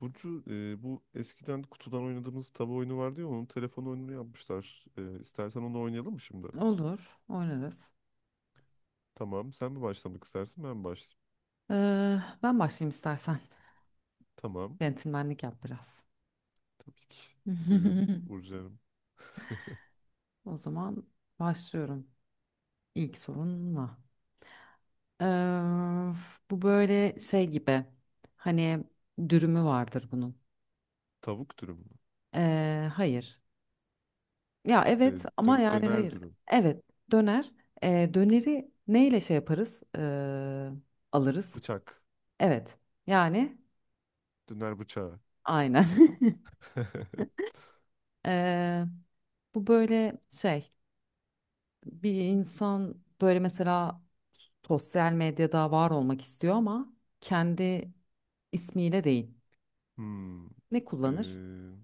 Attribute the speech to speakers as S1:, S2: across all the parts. S1: Burcu, bu eskiden kutudan oynadığımız tabu oyunu vardı ya onun telefon oyununu yapmışlar. İstersen onu oynayalım mı şimdi?
S2: Olur, oynarız.
S1: Tamam. Sen mi başlamak istersin ben mi başlayayım?
S2: Ee, Ben başlayayım istersen.
S1: Tamam.
S2: Centilmenlik yap biraz.
S1: Tabii ki. Buyurun Burcu'm.
S2: O zaman başlıyorum ilk sorunla. Ee, Bu böyle şey gibi. Hani dürümü vardır bunun.
S1: Tavuk dürüm mü?
S2: Hayır. Ya
S1: E,
S2: evet ama yani
S1: Döner
S2: hayır.
S1: dürüm.
S2: Evet, döner. Döneri neyle şey yaparız? Alırız.
S1: Bıçak.
S2: Evet. Yani
S1: Döner bıçağı.
S2: aynen. Ee, Bu böyle şey. Bir insan böyle mesela sosyal medyada var olmak istiyor ama kendi ismiyle değil.
S1: Hmm.
S2: Ne kullanır?
S1: E,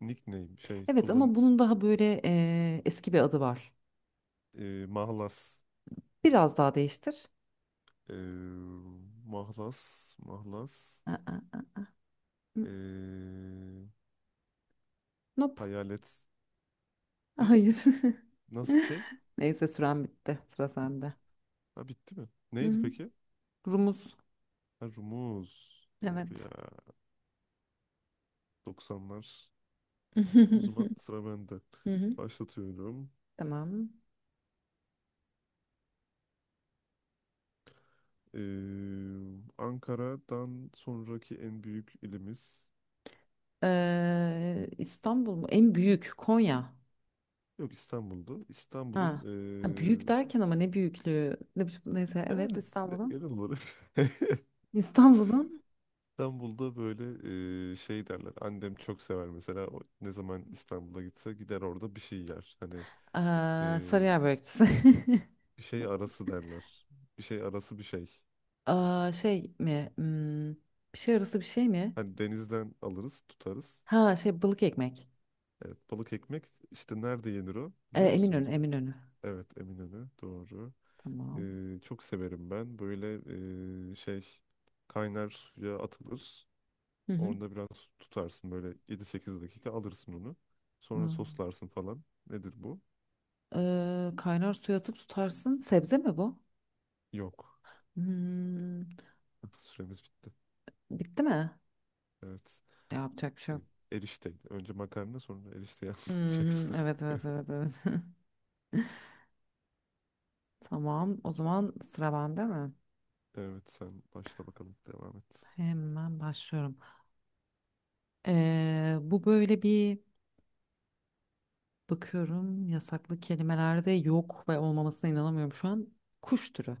S1: Nickname şey
S2: Evet
S1: kullan,
S2: ama bunun daha böyle eski bir adı var.
S1: mahlas.
S2: Biraz daha değiştir.
S1: E, Mahlas. Mahlas.
S2: Aa, aa, hı,
S1: E,
S2: nope.
S1: Hayalet. Hı?
S2: Hayır.
S1: Nasıl bir şey?
S2: Neyse süren bitti. Sıra sende.
S1: Ha, bitti mi?
S2: Hı
S1: Neydi
S2: hı.
S1: peki?
S2: Rumuz.
S1: Ha, Rumuz. Doğru
S2: Evet.
S1: ya. 90'lar. O zaman sıra bende.
S2: Hı hı.
S1: Başlatıyorum.
S2: Tamam.
S1: Ee, Ankara'dan sonraki en büyük ilimiz.
S2: İstanbul mu? En büyük Konya.
S1: Yok, İstanbul'du. İstanbul'un,
S2: Ha. Ha, büyük derken ama ne büyüklüğü? Neyse evet
S1: yani genel
S2: İstanbul'un.
S1: olarak.
S2: İstanbul'un
S1: İstanbul'da böyle şey derler. Annem çok sever mesela. O ne zaman İstanbul'a gitse gider orada bir şey yer. Hani
S2: eee
S1: ee,
S2: Sarıyer börekçisi.
S1: bir şey arası derler. Bir şey arası bir şey.
S2: Aa, şey mi? Bir şey arası bir şey mi?
S1: Hani denizden alırız, tutarız.
S2: Ha, şey, balık ekmek.
S1: Evet, balık ekmek işte nerede yenir o? Biliyor musun
S2: Eminönü,
S1: hocam?
S2: Eminönü.
S1: Evet, Eminönü. Doğru.
S2: Tamam.
S1: Çok severim ben. Böyle şey kaynar suya atılır.
S2: Hı hı.
S1: Orada biraz tutarsın böyle 7-8 dakika, alırsın onu. Sonra
S2: Aa,
S1: soslarsın falan. Nedir bu?
S2: kaynar suya atıp tutarsın. Sebze mi bu?
S1: Yok.
S2: Hmm,
S1: Süremiz bitti.
S2: Bitti mi?
S1: Evet.
S2: Yapacak bir şey
S1: Ee,
S2: yok.
S1: Erişteydi. Önce makarna sonra erişteyi
S2: Hı hı,
S1: anlatacaksın.
S2: evet evet evet evet. Tamam. O zaman sıra bende mi?
S1: Evet, sen başla bakalım devam et.
S2: Hemen başlıyorum. Bu böyle bir bakıyorum, yasaklı kelimelerde yok ve olmamasına inanamıyorum şu an. Kuş türü.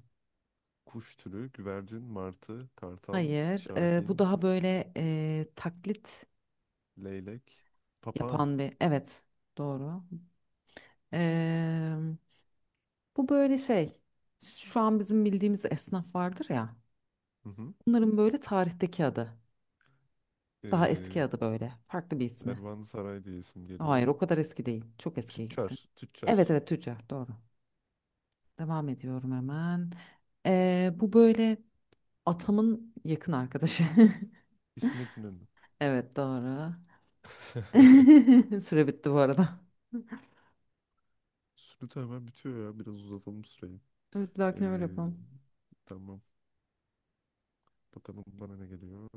S1: Kuş türü güvercin, martı, kartal,
S2: Hayır, bu
S1: şahin,
S2: daha böyle taklit
S1: leylek, papağan.
S2: yapan bir. Evet, doğru. Ee, Bu böyle şey. Şu an bizim bildiğimiz esnaf vardır ya.
S1: Hı hı.
S2: Bunların böyle tarihteki adı. Daha eski
S1: Ee,
S2: adı böyle. Farklı bir ismi.
S1: Kervansaray diye isim
S2: Hayır,
S1: geliyor.
S2: o kadar eski değil. Çok eskiye
S1: Tüccar,
S2: gitti.
S1: tüccar.
S2: Evet evet, tüccar, doğru. Devam ediyorum hemen. Bu böyle. Atamın yakın arkadaşı.
S1: İsmet İnönü.
S2: Evet doğru. Süre bitti bu arada.
S1: Süre hemen bitiyor ya. Biraz uzatalım süreyi.
S2: Evet, bir
S1: Ee,
S2: dahakine öyle yapalım.
S1: tamam. Bakalım bana ne geliyor.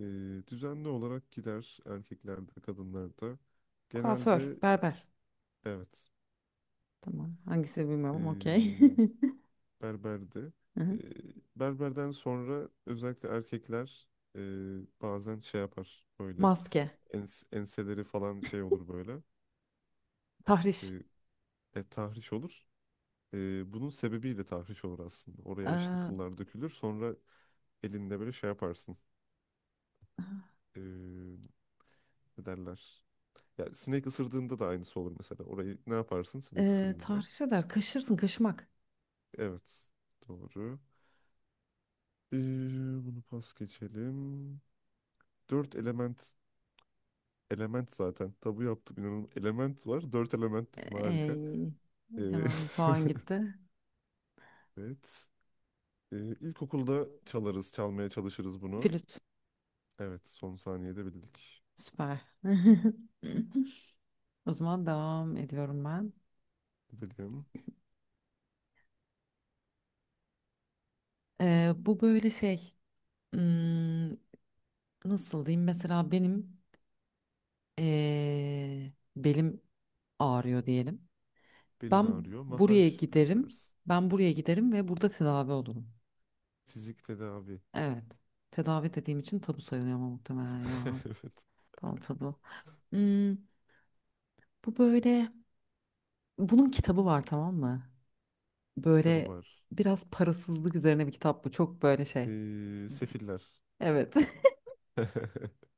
S1: Ee, Düzenli olarak gider erkeklerde, kadınlarda.
S2: Kuaför,
S1: Genelde
S2: berber.
S1: evet.
S2: Tamam. Hangisi bilmiyorum
S1: Ee,
S2: ama okey.
S1: Berberdi.
S2: Hı
S1: E,
S2: hı.
S1: Berberden sonra özellikle erkekler e, bazen şey yapar böyle
S2: Maske,
S1: enseleri falan şey olur böyle e,
S2: tahriş.
S1: tahriş olur. Bunun sebebiyle tahriş olur aslında. Oraya işte
S2: Ee,
S1: kıllar dökülür. Sonra elinde böyle şey yaparsın. E, Ne derler? Ya sinek ısırdığında da aynısı olur mesela. Orayı ne yaparsın sinek ısırınca?
S2: Tahriş eder. Kaşırsın, kaşımak.
S1: Evet. Doğru. E, Bunu pas geçelim. Dört element. Element zaten. Tabu yaptım inanın. Element var. Dört element dedim harika.
S2: Ey,
S1: Ee,
S2: hemen bir puan gitti.
S1: evet. İlkokulda çalarız, çalmaya çalışırız bunu.
S2: Flüt.
S1: Evet, son saniyede bildik.
S2: Süper. O zaman devam ediyorum ben.
S1: Dedim.
S2: Bu böyle şey. hmm, Nasıl diyeyim? Mesela benim belim ağrıyor diyelim.
S1: Belin
S2: Ben
S1: ağrıyor.
S2: buraya
S1: Masaj
S2: giderim.
S1: yaptırırız.
S2: Ben buraya giderim ve burada tedavi olurum.
S1: Fizik tedavi.
S2: Evet. Tedavi dediğim için tabu sayılıyor ama muhtemelen ya.
S1: Evet.
S2: Tamam, tabu. Hmm, Bu böyle, bunun kitabı var tamam mı?
S1: Kitabı
S2: Böyle
S1: var.
S2: biraz parasızlık üzerine bir kitap bu. Çok böyle şey.
S1: Sefiller.
S2: Evet.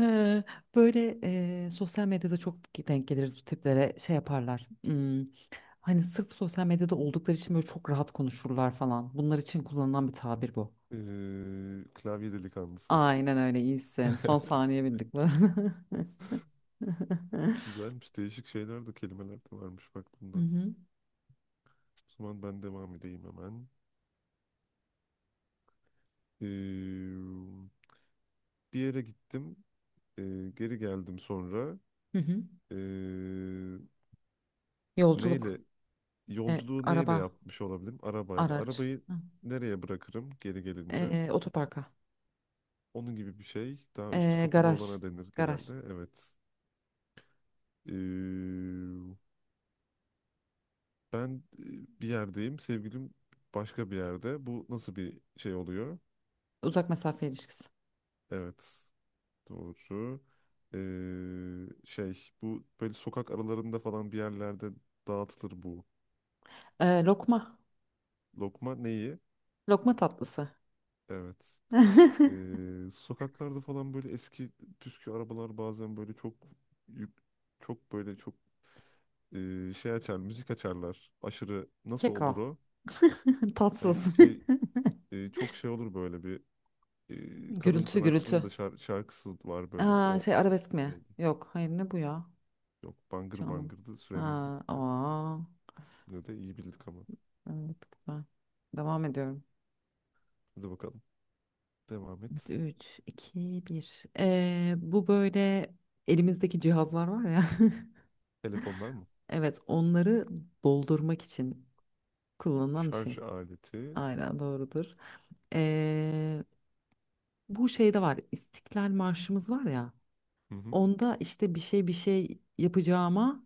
S2: Ee, Böyle sosyal medyada çok denk geliriz bu tiplere, şey yaparlar. Hani sırf sosyal medyada oldukları için böyle çok rahat konuşurlar falan. Bunlar için kullanılan bir tabir bu.
S1: Klavye delikanlısı.
S2: Aynen öyle, iyisin. Son saniye bildik mi?
S1: Güzelmiş. Değişik şeyler de kelimeler de varmış bak bunda.
S2: Hı
S1: O
S2: hı,
S1: zaman ben devam edeyim hemen. Ee, Bir yere gittim. Geri geldim sonra.
S2: hı hı.
S1: E,
S2: Yolculuk,
S1: Neyle? Yolculuğu neyle
S2: araba,
S1: yapmış olabilirim? Arabayla.
S2: araç,
S1: Arabayı
S2: hı.
S1: nereye bırakırım geri gelince?
S2: Otoparka,
S1: Onun gibi bir şey. Daha üstü kapalı
S2: garaj,
S1: olana denir
S2: garaj,
S1: genelde. Evet. E, Ben bir yerdeyim. Sevgilim başka bir yerde. Bu nasıl bir şey oluyor?
S2: uzak mesafe ilişkisi,
S1: Evet. Doğru. Şey bu böyle sokak aralarında falan bir yerlerde dağıtılır bu.
S2: Lokma,
S1: Lokma neyi?
S2: lokma tatlısı,
S1: Evet. Sokaklarda falan böyle eski püskü arabalar bazen böyle çok yük- çok böyle çok şey açar, müzik açarlar. Aşırı nasıl olur
S2: keko,
S1: o?
S2: tatsız.
S1: Hayır, şey çok şey olur böyle bir kadın
S2: Gürültü gürültü.
S1: sanatçının da şarkısı var böyle.
S2: Aa,
S1: O
S2: şey, arabesk mi?
S1: şeydi.
S2: Yok. Hayır, ne bu ya?
S1: Yok, bangır
S2: Canım.
S1: bangırdı.
S2: Ha,
S1: Süremiz bitti.
S2: aa,
S1: Yine de iyi bildik ama.
S2: evet, güzel. Devam ediyorum.
S1: Hadi bakalım. Devam et.
S2: Üç, iki, bir. Bu böyle elimizdeki cihazlar var ya.
S1: Telefonlar mı?
S2: Evet, onları doldurmak için kullanılan bir şey.
S1: Şarj aleti.
S2: Aynen, doğrudur. Ee, Bu şeyde var. İstiklal Marşımız var ya.
S1: Hı hı.
S2: Onda işte bir şey bir şey yapacağıma,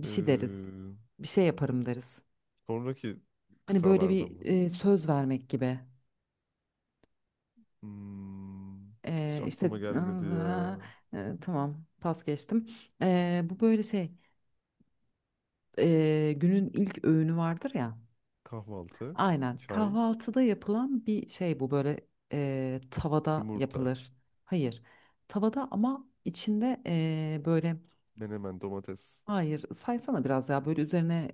S2: bir şey deriz.
S1: Ee,
S2: Bir şey yaparım deriz.
S1: Sonraki
S2: Hani böyle
S1: kıtalarda
S2: bir
S1: mı?
S2: söz vermek gibi.
S1: Hmm, hiç
S2: İşte
S1: aklıma gelmedi ya.
S2: aa, tamam, pas geçtim. Bu böyle şey, günün ilk öğünü vardır ya.
S1: Kahvaltı,
S2: Aynen,
S1: çay,
S2: kahvaltıda yapılan bir şey bu böyle, tavada
S1: yumurta,
S2: yapılır. Hayır, tavada ama içinde böyle,
S1: menemen, domates,
S2: hayır saysana biraz ya, böyle üzerine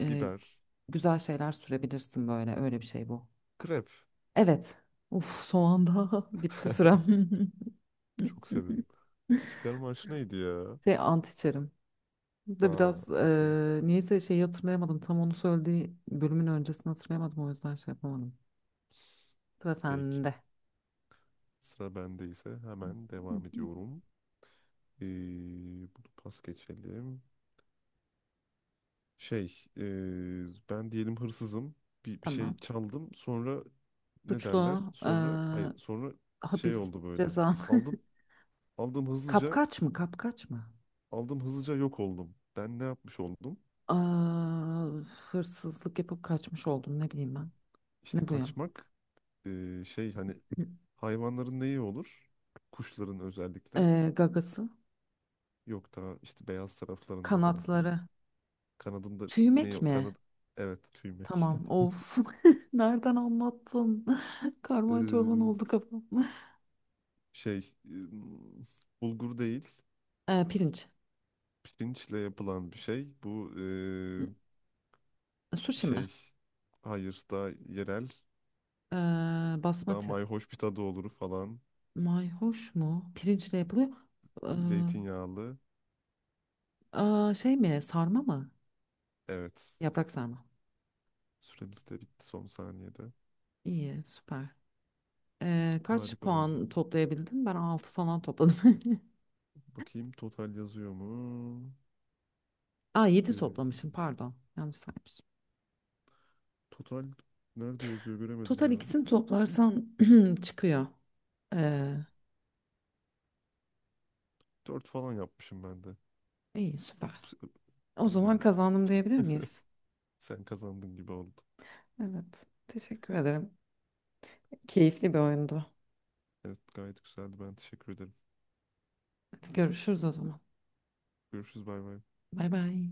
S2: e,
S1: biber,
S2: güzel şeyler sürebilirsin, böyle öyle bir şey bu.
S1: krep.
S2: Evet. Uf, son anda bitti sürem.
S1: Çok severim. İstiklal Marşı neydi ya?
S2: Şey, ant içerim.
S1: Ha,
S2: Da biraz
S1: okey.
S2: niyeyse şeyi hatırlayamadım. Tam onu söylediği bölümün öncesini hatırlayamadım. O yüzden şey yapamadım. Sıra
S1: Peki.
S2: sende.
S1: Sıra bende ise hemen devam ediyorum. Ee, Bunu pas geçelim. Şey, ben diyelim hırsızım. Bir şey
S2: Tamam.
S1: çaldım. Sonra ne derler?
S2: Suçlu,
S1: Sonra
S2: eee,
S1: hayır, sonra şey
S2: hapis
S1: oldu böyle.
S2: ceza.
S1: Aldım Aldım hızlıca,
S2: Kapkaç mı? Kapkaç mı?
S1: aldım hızlıca yok oldum. Ben ne yapmış oldum?
S2: Aa, hırsızlık yapıp kaçmış oldum. Ne bileyim ben.
S1: İşte
S2: Ne bu ya?
S1: kaçmak şey hani
S2: Hı.
S1: hayvanların neyi olur? Kuşların özellikle.
S2: Gagası.
S1: Yok daha işte beyaz taraflarında falan. Hani
S2: Kanatları.
S1: kanadında ne
S2: Tüymek
S1: o
S2: mi?
S1: Kanad, evet tüymek.
S2: Tamam. Of. Nereden anlattın? Karman çorman
S1: E,
S2: oldu kafam.
S1: Şey e, bulgur değil.
S2: Pirinç.
S1: Pirinçle yapılan bir şey. Bu
S2: Sushi mi?
S1: şey hayır daha yerel
S2: Ee,
S1: daha
S2: Basmati.
S1: mayhoş bir tadı olur falan.
S2: Mayhoş mu? Pirinçle yapılıyor. Ee,
S1: Zeytinyağlı.
S2: Aa, şey mi? Sarma mı?
S1: Evet.
S2: Yaprak sarma.
S1: Süremiz de bitti son saniyede.
S2: İyi, süper. Kaç
S1: Harika oldu.
S2: puan toplayabildin? Ben 6 falan topladım.
S1: Bakayım total yazıyor mu?
S2: Aa, 7
S1: Ee,
S2: toplamışım, pardon. Yanlış saymışım.
S1: Total nerede yazıyor göremedim
S2: Total
S1: ya.
S2: ikisini toplarsan çıkıyor. Ee,
S1: Dört falan yapmışım ben de.
S2: iyi, süper.
S1: Ups.
S2: O zaman
S1: Bilmiyorum.
S2: kazandım diyebilir miyiz?
S1: Sen kazandın gibi oldu.
S2: Evet. Teşekkür ederim. Keyifli bir oyundu.
S1: Evet, gayet güzeldi. Ben teşekkür ederim.
S2: Hadi görüşürüz o zaman.
S1: Görüşürüz, bay bay.
S2: Bay bay.